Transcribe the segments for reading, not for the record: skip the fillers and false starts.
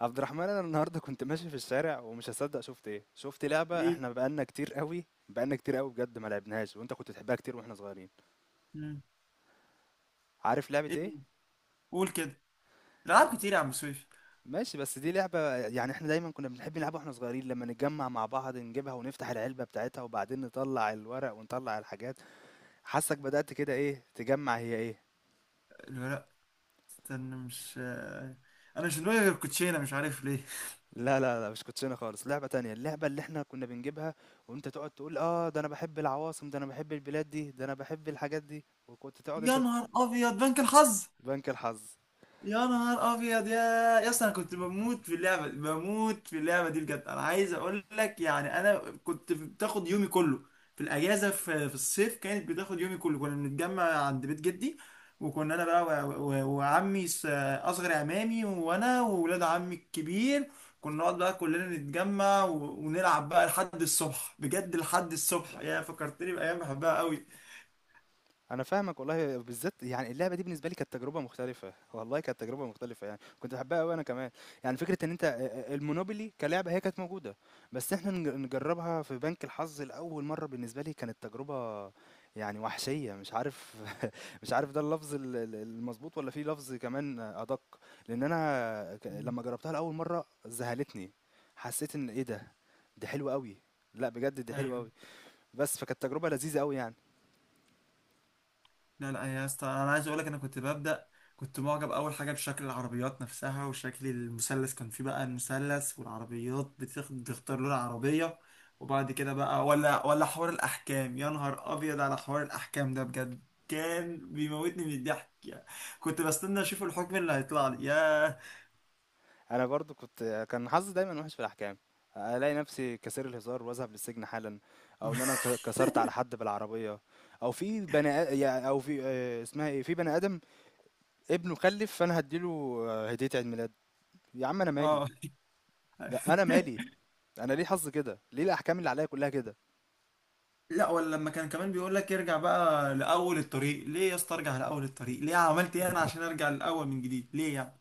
عبد الرحمن، انا النهارده كنت ماشي في الشارع ومش هصدق شفت ايه. شفت لعبه ايه. احنا بقالنا كتير قوي بقالنا كتير قوي بجد ما لعبناهاش، وانت كنت تحبها كتير واحنا صغيرين. مم. عارف لعبه ايه ايه؟ دي؟ قول كده. العاب كتير يا عم سويف. ماشي، بس دي لعبه يعني احنا دايما كنا بنحب نلعبها واحنا صغيرين، لما نتجمع مع بعض نجيبها ونفتح العلبه بتاعتها وبعدين نطلع الورق ونطلع الحاجات. حاسك بدأت كده، ايه تجمع، هي ايه؟ لا لا، استنى، مش انا مش دماغي غير الكوتشينه، مش عارف ليه. لا، مش كوتشينه خالص، لعبه تانية، اللعبه اللي احنا كنا بنجيبها، وانت تقعد تقول اه ده انا بحب العواصم، ده انا بحب البلاد دي، ده انا بحب الحاجات دي، وكنت تقعد انت يا نهار ابيض، بنك الحظ! بنك الحظ. يا نهار ابيض يا، يا اسطى، انا كنت بموت في اللعبه، دي بجد. انا عايز اقول لك يعني، انا كنت بتاخد يومي كله في الاجازه، في الصيف كانت بتاخد يومي كله. كنا بنتجمع عند بيت جدي، وكنا انا بقى وعمي اصغر عمامي وانا وولاد عمي الكبير. كنا نقعد بقى كلنا نتجمع ونلعب بقى لحد الصبح، بجد لحد الصبح. يا فكرتني بايام بحبها قوي. أنا فاهمك والله، بالذات يعني اللعبة دي بالنسبة لي كانت تجربة مختلفة، والله كانت تجربة مختلفة يعني، كنت باحبها أوي أنا كمان، يعني فكرة إن أنت المونوبولي كلعبة هي كانت موجودة، بس إحنا نجربها في بنك الحظ لأول مرة بالنسبة لي كانت تجربة يعني وحشية، مش عارف. مش عارف ده اللفظ ال المضبوط والّا في لفظ كمان أدق، لأن أنا لمّا جربتها لأول مرة ذهلتني، حسيت إن إيه ده! دي حلوة أوي، لأ بجد دي حلوة ايوه. أوي، بس فكانت تجربة لذيذة أوي يعني. لا لا يا اسطى، انا عايز اقول لك، انا كنت كنت معجب اول حاجه بشكل العربيات نفسها وشكل المثلث. كان فيه بقى المثلث، والعربيات بتختار لون عربيه. وبعد كده بقى، ولا حوار الاحكام! يا نهار ابيض على حوار الاحكام ده بجد، كان بيموتني من الضحك يعني. كنت بستنى اشوف الحكم اللي هيطلع لي، ياه. انا برضو كان حظي دايما وحش في الاحكام، الاقي نفسي كسر الهزار واذهب للسجن حالا، او ان انا كسرت على حد بالعربيه، او في بني آ- يا- او في آه، اسمها ايه، في بني ادم ابنه خلف فانا هديله هديه عيد ميلاد. يا عم انا مالي، اه لا انا مالي، انا ليه حظي كده، ليه الاحكام اللي عليا كلها كده؟ لا، ولا لما كان كمان بيقول لك ارجع بقى لاول الطريق ليه؟ يا اسطى ارجع لاول الطريق ليه، عملت ايه انا عشان ارجع لاول من جديد ليه يعني؟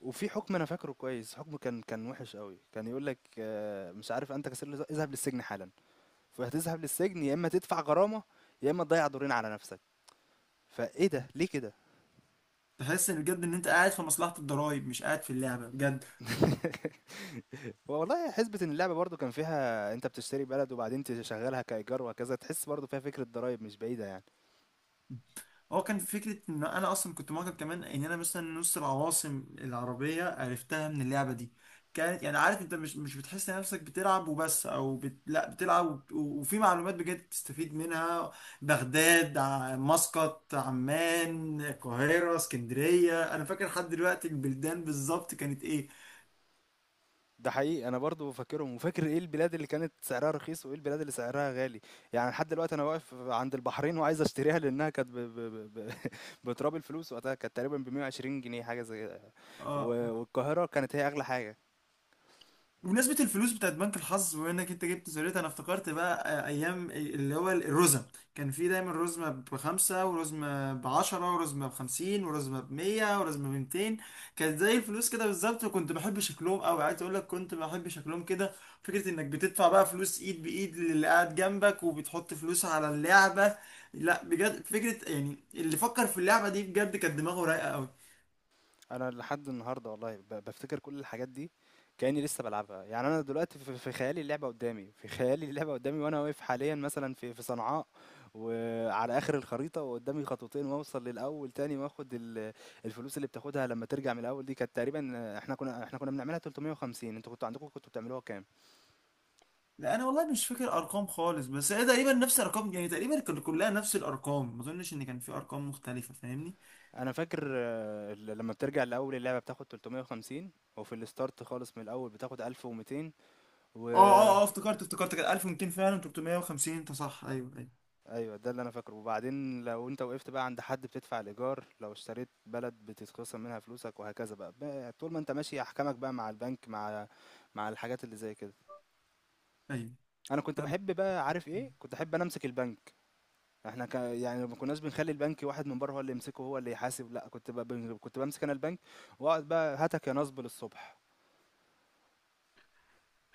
وفي حكم انا فاكره كويس، حكم كان وحش قوي، كان يقول لك مش عارف انت كسر الهزار اذهب للسجن حالا، فهتذهب للسجن يا اما تدفع غرامه يا اما تضيع دورين على نفسك. فايه ده، ليه كده؟ تحس ان بجد ان انت قاعد في مصلحة الضرايب، مش قاعد في اللعبة بجد. والله حسبة إن اللعبة برضه كان فيها أنت بتشتري بلد وبعدين تشغلها كإيجار وهكذا، تحس برضه فيها فكرة ضرايب مش بعيدة يعني. هو كان فكرة ان انا اصلا كنت معجب كمان، ان انا مثلا نص العواصم العربية عرفتها من اللعبة دي. كانت يعني، عارف انت مش بتحس نفسك بتلعب وبس او لا، بتلعب وفي معلومات بجد تستفيد منها. بغداد، مسقط، عمان، القاهرة، اسكندرية، انا فاكر لحد دلوقتي البلدان بالظبط كانت ايه. ده حقيقي، أنا برضه فاكرهم وفاكر إيه البلاد اللي كانت سعرها رخيص وإيه البلاد اللي سعرها غالي. يعني لحد دلوقتي أنا واقف عند البحرين وعايز أشتريها، لأنها كانت بتراب الفلوس وقتها، كانت تقريبا ب 120 جنيه حاجة زي كده. اه. والقاهرة كانت هي أغلى حاجة. بمناسبة الفلوس بتاعت بنك الحظ، بما انك انت جبت سيرتها، انا افتكرت بقى ايام اللي هو الرزم. كان في دايما رزمة بخمسة، ورزمة بعشرة، ورزمة بخمسين، ورزمة بمية، ورزمة بميتين. كانت زي الفلوس كده بالظبط، وكنت بحب شكلهم اوي. عايز اقول لك كنت بحب شكلهم كده. فكرة انك بتدفع بقى فلوس ايد بايد للي قاعد جنبك، وبتحط فلوس على اللعبة. لا بجد، فكرة يعني، اللي فكر في اللعبة دي بجد كانت دماغه رايقة اوي. انا لحد النهارده والله بفتكر كل الحاجات دي، كاني لسه بلعبها. يعني انا دلوقتي في خيالي اللعبه قدامي، في خيالي اللعبه قدامي وانا واقف حاليا مثلا في صنعاء وعلى اخر الخريطه، وقدامي خطوتين واوصل للاول تاني واخد الفلوس. اللي بتاخدها لما ترجع من الاول دي كانت تقريبا، احنا كنا بنعملها 350، انتوا كنتوا عندكم كنتوا بتعملوها كام؟ لا انا والله مش فاكر ارقام خالص، بس هي تقريبا نفس الارقام، يعني تقريبا كانت كلها نفس الارقام، ما اظنش ان كان في ارقام مختلفه، فاهمني. انا فاكر لما بترجع الاول اللعبه بتاخد 350، وفي الستارت خالص من الاول بتاخد 1200، و اه اه اه، افتكرت كانت 1200 فعلا، 350، انت صح، ايوه ايوه أيوه، ده اللي أنا فاكره. وبعدين لو أنت وقفت بقى عند حد بتدفع الإيجار، لو اشتريت بلد بتتخصم منها فلوسك وهكذا بقى، طول ما أنت ماشي أحكامك بقى مع البنك، مع الحاجات اللي زي كده. ايوه، أنا كنت فاهم. بحب بقى، عارف إيه؟ كنت أحب أنا أمسك البنك. يعني ما كناش بنخلي البنك واحد من بره هو اللي يمسكه هو اللي يحاسب، لأ كنت بقى كنت بمسك أنا البنك وأقعد بقى هاتك يا نصب للصبح.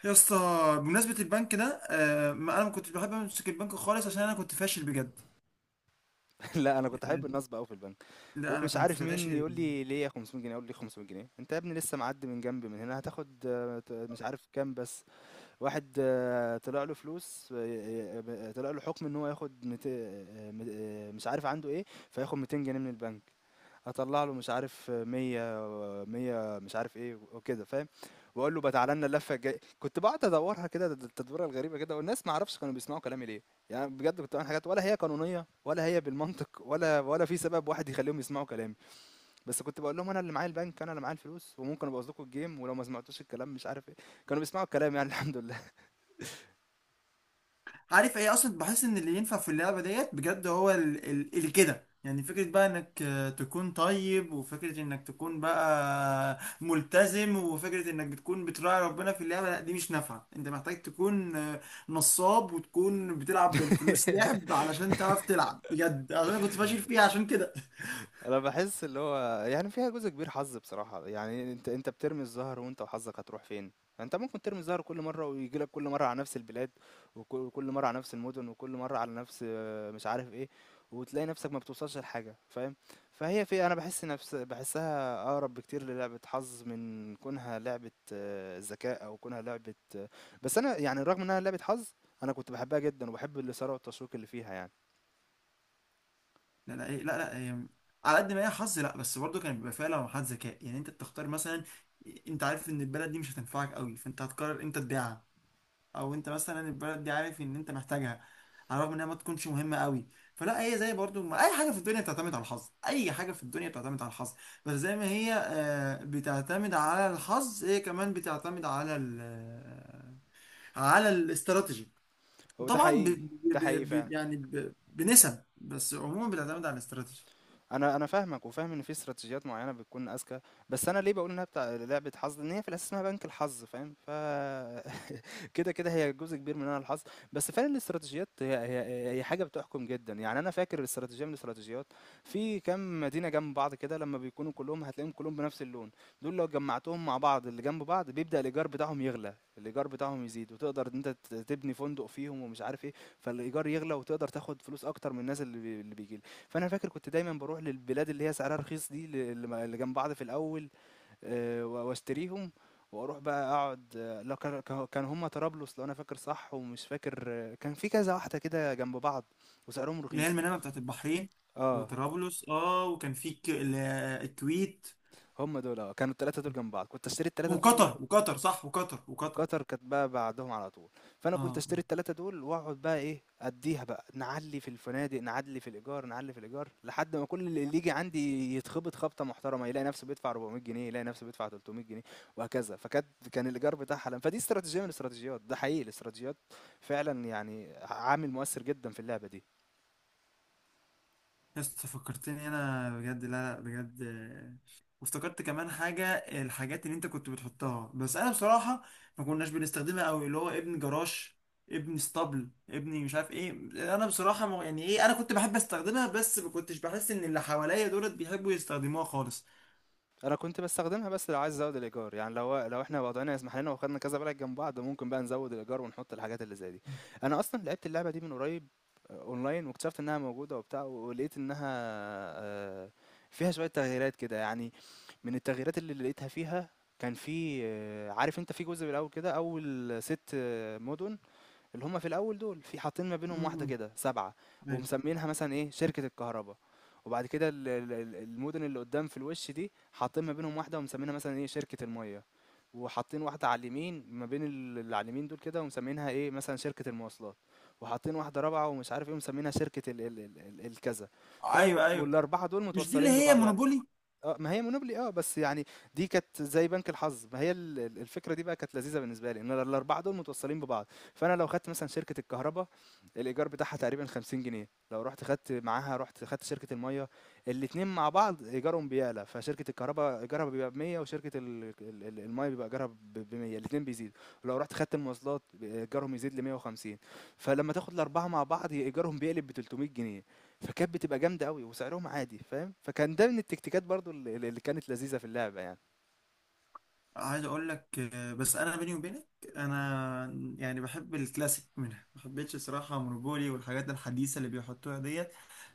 يا اسطى، بمناسبه البنك ده، آه ما انا ما كنتش بحب امسك البنك خالص، عشان انا كنت فاشل بجد. لأ أنا كنت أحب يعني، النصب أوي في البنك، لا انا ومش كنت عارف مين فاشل. يقول لي ليه 500 جنيه، أقول ليه 500 جنيه؟ أنت يا ابني لسه معدي من جنبي من هنا هتاخد مش عارف كام بس. واحد طلع له فلوس، طلع له حكم ان هو ياخد مش عارف عنده ايه، فياخد 200 جنيه من البنك. هطلع له مش عارف 100 و 100 مش عارف ايه وكده، فاهم؟ واقول له بقى تعالى لنا اللفه الجايه. كنت بقعد ادورها كده، التدويره الغريبه كده، والناس ما اعرفش كانوا بيسمعوا كلامي ليه. يعني بجد كنت بعمل حاجات ولا هي قانونيه ولا هي بالمنطق، ولا في سبب واحد يخليهم يسمعوا كلامي، بس كنت بقول لهم انا اللي معايا البنك انا اللي معايا الفلوس، وممكن ابوظ لكم الجيم ولو ما سمعتوش الكلام مش عارف ايه. كانوا بيسمعوا الكلام يعني الحمد لله. عارف ايه اصلا، بحس ان اللي ينفع في اللعبه ديت بجد هو اللي كده يعني. فكره بقى انك تكون طيب، وفكره انك تكون بقى ملتزم، وفكره انك بتكون بتراعي ربنا في اللعبه، لا دي مش نافعه. انت محتاج تكون نصاب، وتكون بتلعب بالفلوس لعب، علشان تعرف تلعب بجد، عشان انا كنت فاشل فيها عشان كده. انا بحس اللي هو يعني فيها جزء كبير حظ بصراحة، يعني انت بترمي الزهر وانت وحظك هتروح فين. انت ممكن ترمي الزهر كل مرة ويجي لك كل مرة على نفس البلاد، وك- وكل مرة على نفس المدن، وكل مرة على نفس مش عارف ايه، وتلاقي نفسك ما بتوصلش لحاجة، فاهم؟ فهي في انا بحس نفس بحسها اقرب بكتير للعبة حظ من كونها لعبة ذكاء، او كونها لعبة بس انا يعني رغم انها لعبة حظ، انا كنت بحبها جدا وبحب الاثارة والتشويق اللي فيها يعني. لا لا إيه، لا لا إيه. على قد ما هي حظ، لا بس برضه كان بيبقى فيها لمحات ذكاء. يعني انت بتختار مثلا، انت عارف ان البلد دي مش هتنفعك قوي، فانت هتقرر امتى تبيعها. او انت مثلا البلد دي، عارف ان انت محتاجها، على الرغم انها ما تكونش مهمه قوي. فلا هي زي برضو ما اي حاجه في الدنيا بتعتمد على الحظ، اي حاجه في الدنيا بتعتمد على الحظ. بس زي ما هي بتعتمد على الحظ، هي كمان بتعتمد على ال آه، على الاستراتيجي. هو ده طبعا حقيقي. ده حقيقي فعلا. يعني بنسب، بس عموما بتعتمد على الاستراتيجي. أنا فاهمك، وفاهم إن في استراتيجيات معيّنة بتكون أذكى، بس أنا ليه باقول إنها بتاع لعبة حظ، لإن هي في الأساس اسمها بنك الحظ، فاهم؟ كده، كده هي جزء كبير منها الحظ، بس فعلًا الاستراتيجيات هي حاجة بتحكم جدًا. يعني أنا فاكر استراتيجية من الاستراتيجيات، في كام مدينة جنب بعض كده لمّا بيكونوا كلّهم هتلاقيهم كلّهم بنفس اللون، دول لو جمّعتهم مع بعض اللي جنب بعض بيبدأ الإيجار بتاعهم يغلى، الإيجار بتاعهم يزيد، وتقدر إن أنت تبني فندق فيهم ومش عارف إيه، فالإيجار يغلى وتقدر تاخد فلوس أكتر من الناس اللي بييجي لها. فأنا فاكر كنت دايمًا باروح للبلاد اللي هي سعرها رخيص دي، ل اللي م اللي جنب بعض في الأول، واشتريهم واروح بقى اقعد، لا كان هما طرابلس لو انا فاكر صح، ومش فاكر كان في كذا واحده كده جنب بعض وسعرهم اللي هي رخيص. المنامه بتاعت البحرين، اه، وطرابلس، اه. وكان في الكويت، هما دول اه، كانوا الثلاثه دول جنب بعض كنت اشتري الثلاثه دول. وقطر صح، وقطر. قطر كانت بقى بعدهم على طول، فانا كنت اه. اشتري التلاتة دول واقعد بقى ايه اديها بقى، نعلي في الفنادق نعلي في الايجار نعلي في الايجار لحد ما كل اللي يجي عندي يتخبط خبطه محترمه، يلاقي نفسه بيدفع 400 جنيه، يلاقي نفسه بيدفع 300 جنيه وهكذا. فكانت، كان الايجار بتاعها حلم. فدي استراتيجيه من الاستراتيجيات، ده حقيقي، الاستراتيجيات فعلا يعني عامل مؤثر جدا في اللعبه دي. يسطا فكرتني، انا بجد، لا. لا بجد، وافتكرت كمان حاجه، الحاجات اللي انت كنت بتحطها. بس انا بصراحه ما كناش بنستخدمها قوي، اللي هو ابن جراش، ابن اسطبل، ابني، مش عارف ايه. انا بصراحه يعني ايه، انا كنت بحب استخدمها، بس ما كنتش بحس ان اللي حواليا دولت بيحبوا يستخدموها خالص. أنا كنت باستخدمها بس لو عايز أزود الإيجار، يعني لو إحنا وضعنا يسمح لنا وخدنا كذا بلد جنب بعض ممكن بقى نزود الإيجار ونحط الحاجات اللي زي دي. أنا أصلًا لعبت اللعبة دي من قريب أونلاين، واكتشفت إنها موجودة وبتاع، ولقيت إنها آه، فيها شوية تغييرات كده يعني. من التغييرات اللي لقيتها فيها، كان في عارف أنت في جزء بالأول كده، أول ست مدن، اللي هم في الاول دول، في حاطين ما بينهم واحده مم. كده سبعه، ايوه ومسمينها مثلا ايه شركه الكهرباء. وبعد كده المدن اللي قدام في الوش دي حاطين ما بينهم واحده ومسمينها مثلا ايه شركه الميه. وحاطين واحده على اليمين ما بين اللي على اليمين دول كده ومسمينها ايه مثلا شركه المواصلات. وحاطين واحده رابعه ومش عارف ايه ومسمينها شركه ال الكذا، فاهم؟ ايوه ايوه، والاربعه دول مش دي اللي متوصلين هي ببعض. مونوبولي؟ ما هي مونوبولي بس يعني دي كانت زي بنك الحظ، ما هي ال الفكرة دي بقى كانت لذيذة بالنسبة لي، إن أنا ال4 دول متوصّلين ببعض، فأنا لو خدت مثلًا شركة الكهربا الإيجار بتاعها تقريبًا 50 جنيه، لو رُحت خدت معاها رُحت خدت شركة المَيّة، الاتنين مع بعض إيجارهم بيعلى، فشركة الكهربا إيجارها بيبقى ب100 وشركة ال المَيّة بيبقى إيجارها ب ب100، الاتنين بيزيدوا، ولو رُحت خدت المواصلات ب إيجارهم يزيد ل150، فلمّا تاخد ال4 مع بعض إيجارهم بيقلب ب300 جنيه. فكانت بتبقى جامدة أوي وسعرهم عادي، فاهم؟ فكان ده من التكتيكات برضو اللي كانت لذيذة في اللعبة يعني. عايز اقول لك بس انا بيني وبينك، انا يعني بحب الكلاسيك منها. ما حبيتش صراحه مونوبولي والحاجات الحديثه اللي بيحطوها ديت.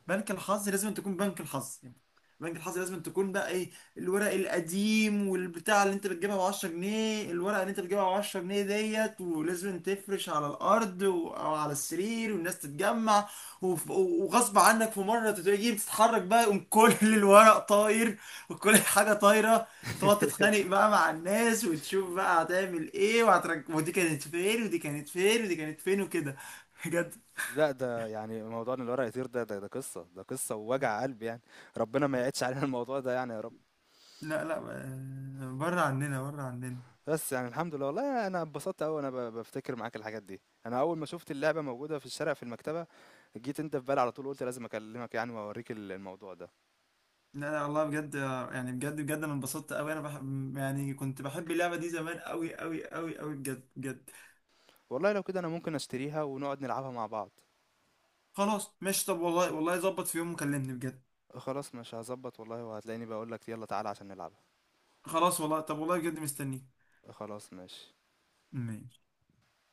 بنك الحظ لازم تكون بنك الحظ يعني. بنك الحظ لازم تكون بقى ايه، الورق القديم والبتاع، اللي انت بتجيبها ب 10 جنيه، الورقه اللي انت بتجيبها ب 10 جنيه ديت، ولازم تفرش على الارض او على السرير، والناس تتجمع. وغصب عنك في مره تيجي بتتحرك بقى، يقوم كل الورق طاير، وكل حاجه طايره. تقعد تتخانق بقى مع الناس، وتشوف بقى هتعمل ايه، ودي كانت فين، ودي كانت فين، ودي كانت فين، وكده. لا ده يعني موضوع ان الورق يطير ده ده قصة، ده قصة ووجع قلب يعني، ربنا ما يعيدش علينا الموضوع ده يعني يا رب. لا لا، بره عننا، بره عننا. بس يعني الحمد لله والله انا اتبسطت قوي وانا بفتكر معاك الحاجات دي. انا اول ما شفت اللعبة موجودة في الشارع في المكتبة جيت انت في بالي على طول، قلت لازم اكلمك يعني واوريك الموضوع ده. لا لا والله بجد، يعني بجد بجد، انا انبسطت قوي، انا بحب يعني، كنت بحب اللعبه دي زمان، قوي قوي قوي قوي، بجد بجد. والله لو كده انا ممكن اشتريها ونقعد نلعبها مع بعض. خلاص ماشي، طب والله والله، ظبط في يوم وكلمني بجد. خلاص مش هظبط والله، وهتلاقيني بقولك يلا تعالى عشان نلعبها. خلاص والله، طب والله بجد مستنيك. خلاص ماشي. ماشي.